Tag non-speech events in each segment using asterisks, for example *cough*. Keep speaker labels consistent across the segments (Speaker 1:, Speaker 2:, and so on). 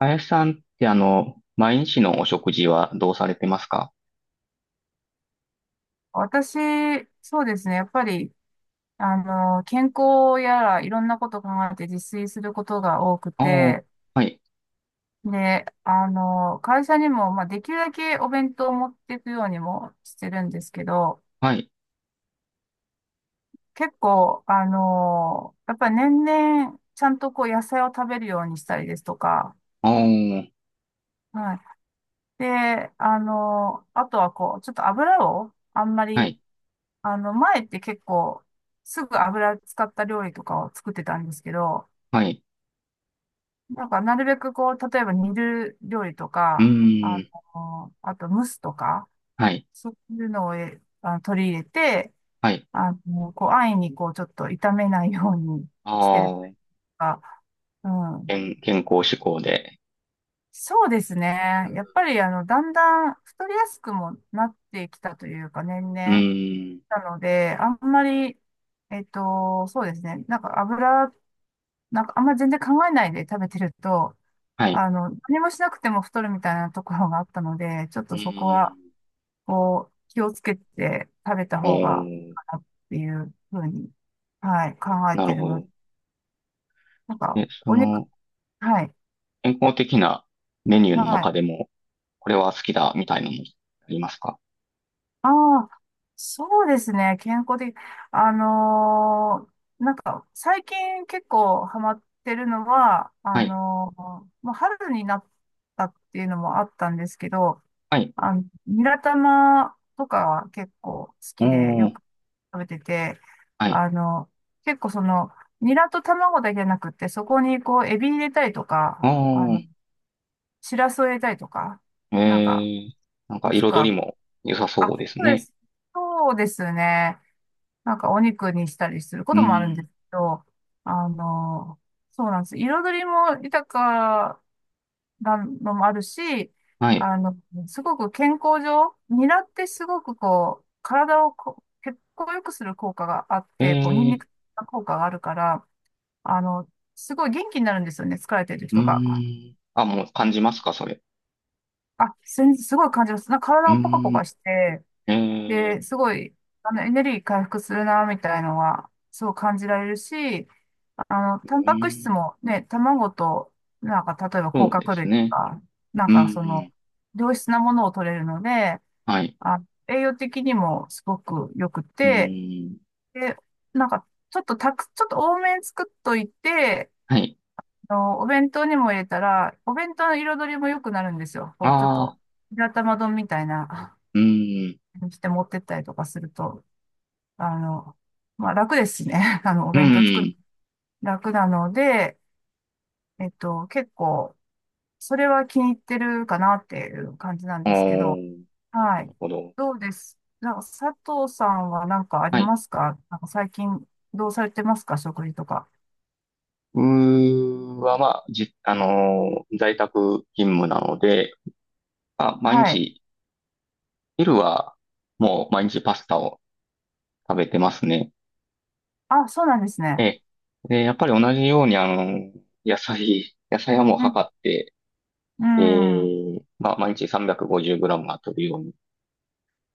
Speaker 1: 林さんって毎日のお食事はどうされてますか？
Speaker 2: 私、そうですね。やっぱり、健康やらいろんなことを考えて自炊することが多く
Speaker 1: ああー。
Speaker 2: て、
Speaker 1: はい。
Speaker 2: で、会社にも、まあ、できるだけお弁当を持っていくようにもしてるんですけど、
Speaker 1: はい。
Speaker 2: 結構、やっぱり年々、ちゃんとこう野菜を食べるようにしたりですとか、
Speaker 1: ああ。
Speaker 2: はい。で、あとはこう、ちょっと油をあんま
Speaker 1: は
Speaker 2: り、
Speaker 1: い。
Speaker 2: 前って結構、すぐ油使った料理とかを作ってたんですけど、
Speaker 1: はい。
Speaker 2: なんか、なるべくこう、例えば煮る料理と
Speaker 1: う
Speaker 2: か、
Speaker 1: ーん。
Speaker 2: あと蒸すとか、
Speaker 1: はい。
Speaker 2: そういうのをえあの取り入れて、
Speaker 1: はい。
Speaker 2: こう、安易にこう、ちょっと炒めないように
Speaker 1: あ
Speaker 2: してるとい
Speaker 1: あ。
Speaker 2: うか、うん。
Speaker 1: 健康志向で。
Speaker 2: そうですね。やっぱり、だんだん太りやすくもなってきたというか、年
Speaker 1: う
Speaker 2: 々。
Speaker 1: ーん。
Speaker 2: なので、あんまり、そうですね。なんか油、なんかあんま全然考えないで食べてると、
Speaker 1: はい。
Speaker 2: 何もしなくても太るみたいなところがあったので、ちょっ
Speaker 1: う
Speaker 2: とそこは、
Speaker 1: ーん。
Speaker 2: こう、気をつけて食べた
Speaker 1: お
Speaker 2: 方がいい
Speaker 1: ー。
Speaker 2: かなっていうふうに、はい、考え
Speaker 1: なる
Speaker 2: てる
Speaker 1: ほ
Speaker 2: ので、
Speaker 1: ど。
Speaker 2: なんか、
Speaker 1: で、
Speaker 2: お肉、はい、
Speaker 1: 健康的なメニューの
Speaker 2: はい。
Speaker 1: 中でも、これは好きだ、みたいなのありますか？
Speaker 2: ああ、そうですね、健康的。あのーなんか、最近結構ハマってるのは、
Speaker 1: はい。
Speaker 2: もう春になったっていうのもあったんですけど、
Speaker 1: はい。
Speaker 2: ニラ玉とかは結構好きで
Speaker 1: お
Speaker 2: よ
Speaker 1: ー。
Speaker 2: く食べてて、
Speaker 1: はい。
Speaker 2: あの、結構その、ニラと卵だけじゃなくって、そこにこう、エビ入れたりと
Speaker 1: お
Speaker 2: か、
Speaker 1: ー。
Speaker 2: シラスを入れたりとか、
Speaker 1: え
Speaker 2: なんか、
Speaker 1: ー、なんか
Speaker 2: もしく
Speaker 1: 彩り
Speaker 2: は、
Speaker 1: も良さ
Speaker 2: あ、
Speaker 1: そ
Speaker 2: そ
Speaker 1: うです
Speaker 2: うで
Speaker 1: ね。
Speaker 2: す。そうですね。なんかお肉にしたりするこ
Speaker 1: う
Speaker 2: ともあるん
Speaker 1: ー
Speaker 2: で
Speaker 1: ん。
Speaker 2: すけど、あの、そうなんです。彩りも豊なのもあるし、
Speaker 1: はい。
Speaker 2: あの、すごく健康上、ニラってすごくこう、体をこう血行を良くする効果があっ
Speaker 1: え
Speaker 2: て、こう、ニンニ
Speaker 1: ー、
Speaker 2: クの効果があるから、あの、すごい元気になるんですよね、疲れてる
Speaker 1: うー
Speaker 2: 人が、
Speaker 1: ん。あ、もう感じますか、それ？
Speaker 2: あ、すごい感じます。なんか
Speaker 1: う
Speaker 2: 体もポカポ
Speaker 1: ー
Speaker 2: カ
Speaker 1: ん。
Speaker 2: して、
Speaker 1: えー、
Speaker 2: で、すごい、エネルギー回復するな、みたいのは、すごい感じられるし、
Speaker 1: う
Speaker 2: タンパク
Speaker 1: ー
Speaker 2: 質
Speaker 1: ん。
Speaker 2: もね、卵と、なんか、例えば
Speaker 1: そ
Speaker 2: 甲
Speaker 1: うで
Speaker 2: 殻
Speaker 1: す
Speaker 2: 類と
Speaker 1: ね。
Speaker 2: か、なん
Speaker 1: うー
Speaker 2: かその、
Speaker 1: ん。
Speaker 2: 良質なものを取れるので、
Speaker 1: はい。
Speaker 2: あ、栄養的にもすごく良く
Speaker 1: う
Speaker 2: て、
Speaker 1: ーん。
Speaker 2: で、なんか、ちょっと多めに作っといて、
Speaker 1: はい。
Speaker 2: お弁当にも入れたら、お弁当の彩りも良くなるんですよ。こう、ちょっ
Speaker 1: あ
Speaker 2: と、
Speaker 1: あ。
Speaker 2: 白玉丼みたいな、
Speaker 1: うーん。
Speaker 2: にして持ってったりとかすると、あの、まあ楽ですしね。*laughs* お
Speaker 1: う
Speaker 2: 弁当作
Speaker 1: ー
Speaker 2: る、
Speaker 1: ん。
Speaker 2: 楽なので、結構、それは気に入ってるかなっていう感じなん
Speaker 1: お
Speaker 2: ですけど、
Speaker 1: ー、
Speaker 2: は
Speaker 1: なる
Speaker 2: い。
Speaker 1: ほど。
Speaker 2: どうです、なんか佐藤さんは何かあり
Speaker 1: はい。
Speaker 2: ますか？なんか最近どうされてますか？食事とか。
Speaker 1: うーは、まあ、在宅勤務なので、まあ、毎
Speaker 2: はい。
Speaker 1: 日、昼は、もう毎日パスタを食べてますね。
Speaker 2: あ、そうなんです
Speaker 1: え
Speaker 2: ね。
Speaker 1: え。で、やっぱり同じように、野菜はもう
Speaker 2: うん。
Speaker 1: 測って、
Speaker 2: うん。
Speaker 1: ええ、まあ、毎日 350g は取るようにし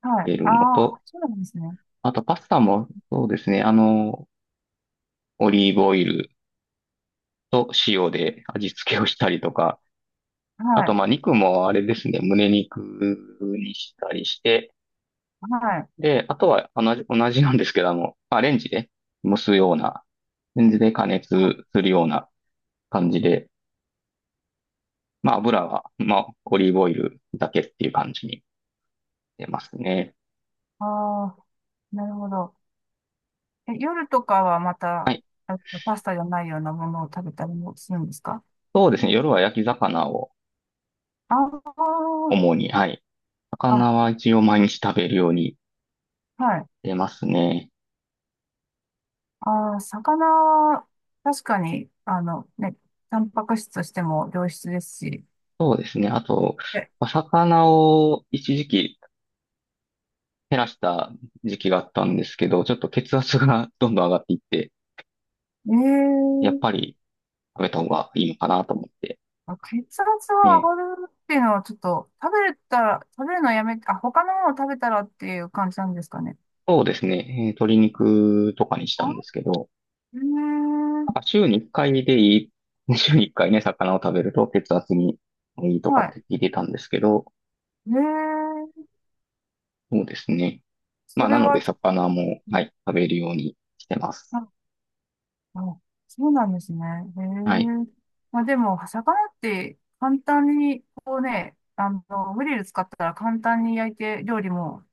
Speaker 2: はい。
Speaker 1: ている
Speaker 2: あ
Speaker 1: の
Speaker 2: あ、
Speaker 1: と、
Speaker 2: そうなんですね。
Speaker 1: あとパスタも、そうですね、オリーブオイルと塩で味付けをしたりとか、あ
Speaker 2: は
Speaker 1: と、
Speaker 2: い。
Speaker 1: まあ、肉もあれですね、胸肉にしたりして、
Speaker 2: はい。
Speaker 1: で、あとは同じなんですけども、まあ、レンジで蒸すような、レンジで加熱するような感じで、まあ、油は、まあ、オリーブオイルだけっていう感じに出ますね。
Speaker 2: ああ、なるほど。え、夜とかはまた、パスタじゃないようなものを食べたりもするんですか？
Speaker 1: そうですね。夜は焼き魚を
Speaker 2: ああー、
Speaker 1: 主に、はい。魚
Speaker 2: あ、
Speaker 1: は一応毎日食べるように
Speaker 2: はい。
Speaker 1: 出ますね。
Speaker 2: ああ、魚は、確かに、あのね、タンパク質としても良質ですし、
Speaker 1: そうですね。あと、
Speaker 2: え、
Speaker 1: まあ魚を一時期減らした時期があったんですけど、ちょっと血圧が *laughs* どんどん上がっていって、
Speaker 2: え
Speaker 1: やっ
Speaker 2: ー
Speaker 1: ぱり食べた方がいいのかなと思って。
Speaker 2: あ、血圧は
Speaker 1: ね、
Speaker 2: 上がるっていうのはちょっと、食べれたら、食べるのやめて、あ、他のものを食べたらっていう感じなんですかね。
Speaker 1: そうですね。鶏肉とかにしたんです
Speaker 2: あ、
Speaker 1: けど、
Speaker 2: え
Speaker 1: な
Speaker 2: ー、
Speaker 1: んか週に1回でいい、*laughs* 週に1回ね、魚を食べると血圧にいいとか
Speaker 2: は
Speaker 1: っ
Speaker 2: い。
Speaker 1: て聞いてたんですけど、
Speaker 2: えー、
Speaker 1: そうですね。ま
Speaker 2: そ
Speaker 1: あ、
Speaker 2: れ
Speaker 1: なので
Speaker 2: はちょ、
Speaker 1: 魚も、はい、食べるようにしてます。
Speaker 2: あ、あ、そうなんですね。え
Speaker 1: はい。
Speaker 2: ー、まあでも、魚って簡単に、こうね、グリル使ったら簡単に焼いて料理も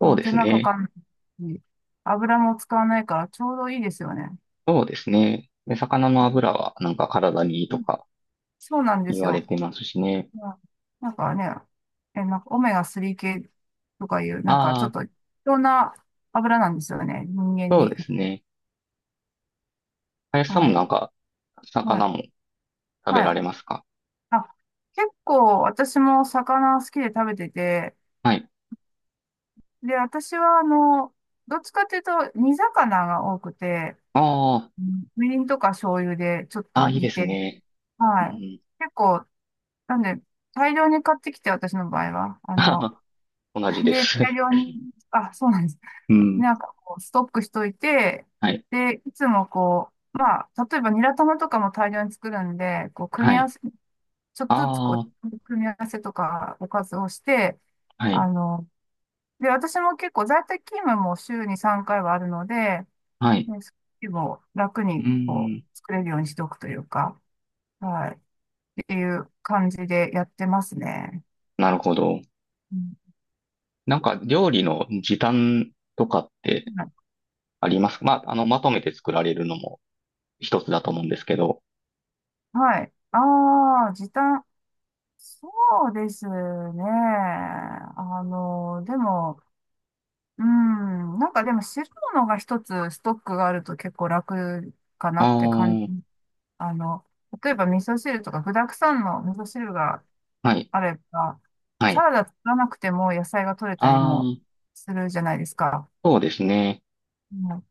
Speaker 1: そう
Speaker 2: う
Speaker 1: で
Speaker 2: 手
Speaker 1: す
Speaker 2: 間か
Speaker 1: ね。
Speaker 2: かんないし、油も使わないからちょうどいいですよね。
Speaker 1: そうですね。で、魚の油はなんか体にいい
Speaker 2: う
Speaker 1: と
Speaker 2: ん。
Speaker 1: か
Speaker 2: そうなんで
Speaker 1: 言
Speaker 2: す
Speaker 1: われ
Speaker 2: よ。
Speaker 1: てますしね。
Speaker 2: まあなんかね、なんかオメガ3系とかいう、なんか
Speaker 1: あ
Speaker 2: ちょっ
Speaker 1: あ、
Speaker 2: と必要な油なんですよね、人間
Speaker 1: そう
Speaker 2: に。
Speaker 1: ですね。林さん
Speaker 2: は
Speaker 1: もなん
Speaker 2: い。
Speaker 1: か、
Speaker 2: はい。
Speaker 1: 魚も食べ
Speaker 2: は
Speaker 1: ら
Speaker 2: い。
Speaker 1: れますか？
Speaker 2: あ、結構私も魚好きで食べてて、
Speaker 1: はい。
Speaker 2: で、私はどっちかっていうと煮魚が多くて、
Speaker 1: ああ、
Speaker 2: うん、みりんとか醤油でちょっ
Speaker 1: ああ、
Speaker 2: と
Speaker 1: いい
Speaker 2: 煮
Speaker 1: です
Speaker 2: て、
Speaker 1: ね。う
Speaker 2: はい。
Speaker 1: ん。
Speaker 2: 結構なんで、大量に買ってきて、私の場合は。
Speaker 1: *laughs* 同じで
Speaker 2: で、大
Speaker 1: す。
Speaker 2: 量に、あ、そうなんです。
Speaker 1: うん。
Speaker 2: なんかこう、ストックしといて、
Speaker 1: はい。
Speaker 2: で、いつもこう、まあ、例えばニラ玉とかも大量に作るんで、こう、組
Speaker 1: は
Speaker 2: み合わ
Speaker 1: い。
Speaker 2: せ、ちょっとずつこ
Speaker 1: ああ。
Speaker 2: う、組み合わせとかおかずをして、
Speaker 1: は
Speaker 2: あ
Speaker 1: い。
Speaker 2: の、で、私も結構在宅勤務も週に3回はあるので、
Speaker 1: はい。
Speaker 2: ね、それも楽
Speaker 1: う
Speaker 2: にこ
Speaker 1: ーん。
Speaker 2: う、作れるようにしておくというか、はい、っていう感じでやってますね。
Speaker 1: なるほど。
Speaker 2: うん、
Speaker 1: なんか料理の時短とかってありますか？まあ、まとめて作られるのも一つだと思うんですけど。
Speaker 2: はい。ああ、時短。そうですね。でも、うん、なんかでも汁物が一つストックがあると結構楽かな
Speaker 1: あ
Speaker 2: って感じ。
Speaker 1: あ、
Speaker 2: あの、例えば味噌汁とか具沢山の味噌汁が
Speaker 1: はい。
Speaker 2: あれば、
Speaker 1: は
Speaker 2: サ
Speaker 1: い。
Speaker 2: ラダ作らなくても野菜が取れたり
Speaker 1: あ
Speaker 2: も
Speaker 1: あ、
Speaker 2: するじゃないですか。
Speaker 1: そうですね。
Speaker 2: うん、だ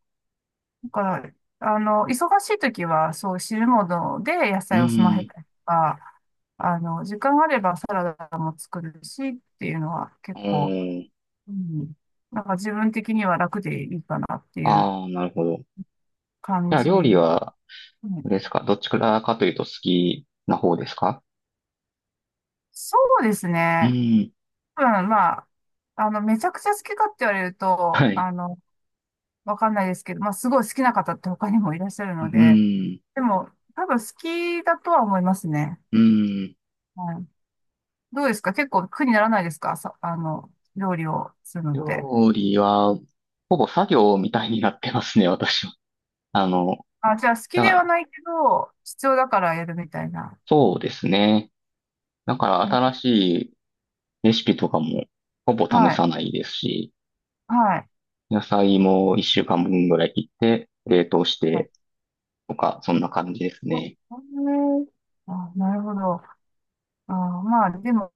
Speaker 2: から、忙しい時はそう汁物で野
Speaker 1: う
Speaker 2: 菜を済ませ
Speaker 1: ーん。
Speaker 2: たりとか、時間あればサラダも作るしっていうのは
Speaker 1: う
Speaker 2: 結構、
Speaker 1: ーん。
Speaker 2: うん、なんか自分的には楽でいいかなっていう
Speaker 1: ああ、なるほど。じ
Speaker 2: 感
Speaker 1: ゃあ
Speaker 2: じ。
Speaker 1: 料理
Speaker 2: う
Speaker 1: は、あれです
Speaker 2: ん、
Speaker 1: か？どっちからかというと好きな方ですか？
Speaker 2: そうです
Speaker 1: う
Speaker 2: ね。
Speaker 1: ーん。
Speaker 2: うん、まあ、めちゃくちゃ好きかって言われる
Speaker 1: は
Speaker 2: と、
Speaker 1: い。
Speaker 2: わかんないですけど、まあ、すごい好きな方って他にもいらっしゃる
Speaker 1: う
Speaker 2: ので、
Speaker 1: ーん。
Speaker 2: でも、多分好きだとは思いますね。
Speaker 1: うーん。
Speaker 2: はい。どうですか？結構苦にならないですか？さ、料理をするのって。
Speaker 1: 料理は、ほぼ作業みたいになってますね、私は。あの、
Speaker 2: あ、じゃあ好き
Speaker 1: だ
Speaker 2: で
Speaker 1: か
Speaker 2: は
Speaker 1: ら
Speaker 2: ないけど、必要だからやるみたいな。
Speaker 1: そうですね。だから新
Speaker 2: あ、
Speaker 1: しいレシピとかもほぼ試
Speaker 2: はい。
Speaker 1: さないですし、
Speaker 2: はい。
Speaker 1: 野菜も一週間分ぐらい切って冷凍し
Speaker 2: はい、
Speaker 1: てとか、そんな感じです
Speaker 2: あ、
Speaker 1: ね。
Speaker 2: これ、あ、なるほど。あ、まあ、でも、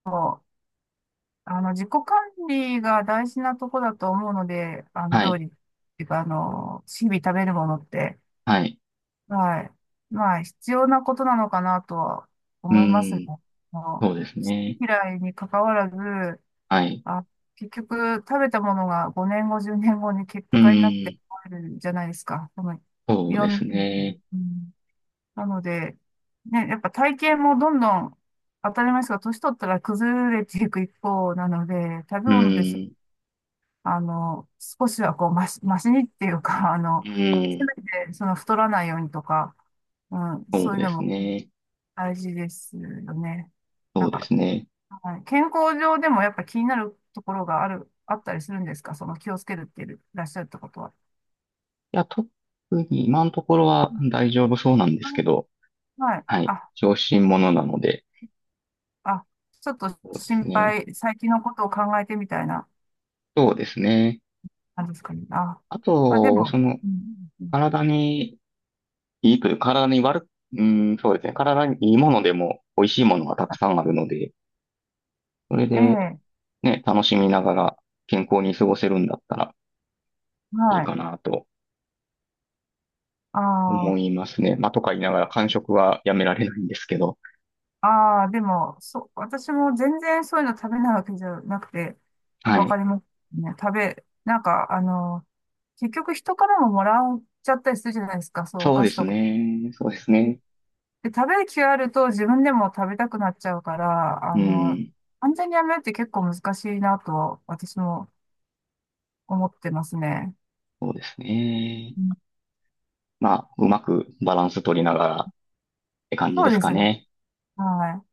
Speaker 2: 自己管理が大事なとこだと思うので、
Speaker 1: は
Speaker 2: 料
Speaker 1: い。
Speaker 2: 理っていうか、日々食べるものって、
Speaker 1: はい。
Speaker 2: はい。まあ、必要なことなのかなとは
Speaker 1: う
Speaker 2: 思いますね。
Speaker 1: ん。
Speaker 2: あの、好
Speaker 1: そうです
Speaker 2: き
Speaker 1: ね。
Speaker 2: 嫌いに関わらず、
Speaker 1: はい。
Speaker 2: あ、結局、食べたものが5年後、10年後に結
Speaker 1: う
Speaker 2: 果になって
Speaker 1: ん。
Speaker 2: あるじゃないですか。その、
Speaker 1: そ
Speaker 2: い
Speaker 1: う
Speaker 2: ろ
Speaker 1: で
Speaker 2: ん
Speaker 1: す
Speaker 2: な意味で。
Speaker 1: ね。
Speaker 2: うん、なので、ね、やっぱ体型もどんどん当たり前ですが、年取ったら崩れていく一方なので、食べ
Speaker 1: う
Speaker 2: 物です。
Speaker 1: ん。
Speaker 2: 少しはこう、ましにっていうか、*laughs*
Speaker 1: う
Speaker 2: せ
Speaker 1: ん。
Speaker 2: めて、その、太らないようにとか、うん、
Speaker 1: そ
Speaker 2: そう
Speaker 1: う
Speaker 2: いう
Speaker 1: で
Speaker 2: の
Speaker 1: す
Speaker 2: も
Speaker 1: ね。
Speaker 2: 大事ですよね。
Speaker 1: そ
Speaker 2: な
Speaker 1: う
Speaker 2: ん
Speaker 1: で
Speaker 2: か、
Speaker 1: すね。
Speaker 2: はい、健康上でもやっぱ気になるところがあったりするんですか、その気をつけるっていらっしゃるってことは？
Speaker 1: いや、特に今のところ
Speaker 2: う
Speaker 1: は
Speaker 2: ん、
Speaker 1: 大丈夫そうなんで
Speaker 2: あ、
Speaker 1: すけど、
Speaker 2: はい。
Speaker 1: はい。
Speaker 2: あ、
Speaker 1: 小心者なので、
Speaker 2: あ、ちょっと
Speaker 1: そうで
Speaker 2: 心
Speaker 1: すね。
Speaker 2: 配、最近のことを考えてみたいな
Speaker 1: そうですね。
Speaker 2: 感じですかね。あ、
Speaker 1: あ
Speaker 2: まあで
Speaker 1: と、
Speaker 2: も、うん、うん、
Speaker 1: 体にいいという、体に悪く、うん、そうですね。体にいいものでも美味しいものがたくさんあるので、それ
Speaker 2: え
Speaker 1: で
Speaker 2: え、
Speaker 1: ね、楽しみながら健康に過ごせるんだったらいい
Speaker 2: はい。
Speaker 1: かなと思い
Speaker 2: あ
Speaker 1: ますね。まあ、とか言いながら間食はやめられないんですけど。
Speaker 2: あ、ああ、でも、そう、私も全然そういうの食べないわけじゃなくて、
Speaker 1: は
Speaker 2: わか
Speaker 1: い。
Speaker 2: りますね。なんか、結局人からももらっちゃったりするじゃないですか、そう、お
Speaker 1: そう
Speaker 2: 菓
Speaker 1: で
Speaker 2: 子
Speaker 1: す
Speaker 2: とか。
Speaker 1: ね。そうですね。
Speaker 2: で、食べる気があると自分でも食べたくなっちゃうから、
Speaker 1: うん。
Speaker 2: 完全にやめるって結構難しいなと私も思ってますね。
Speaker 1: そうですね。
Speaker 2: うん、
Speaker 1: まあ、うまくバランス取りながらって感じ
Speaker 2: そう
Speaker 1: です
Speaker 2: で
Speaker 1: か
Speaker 2: すね。
Speaker 1: ね。
Speaker 2: はい。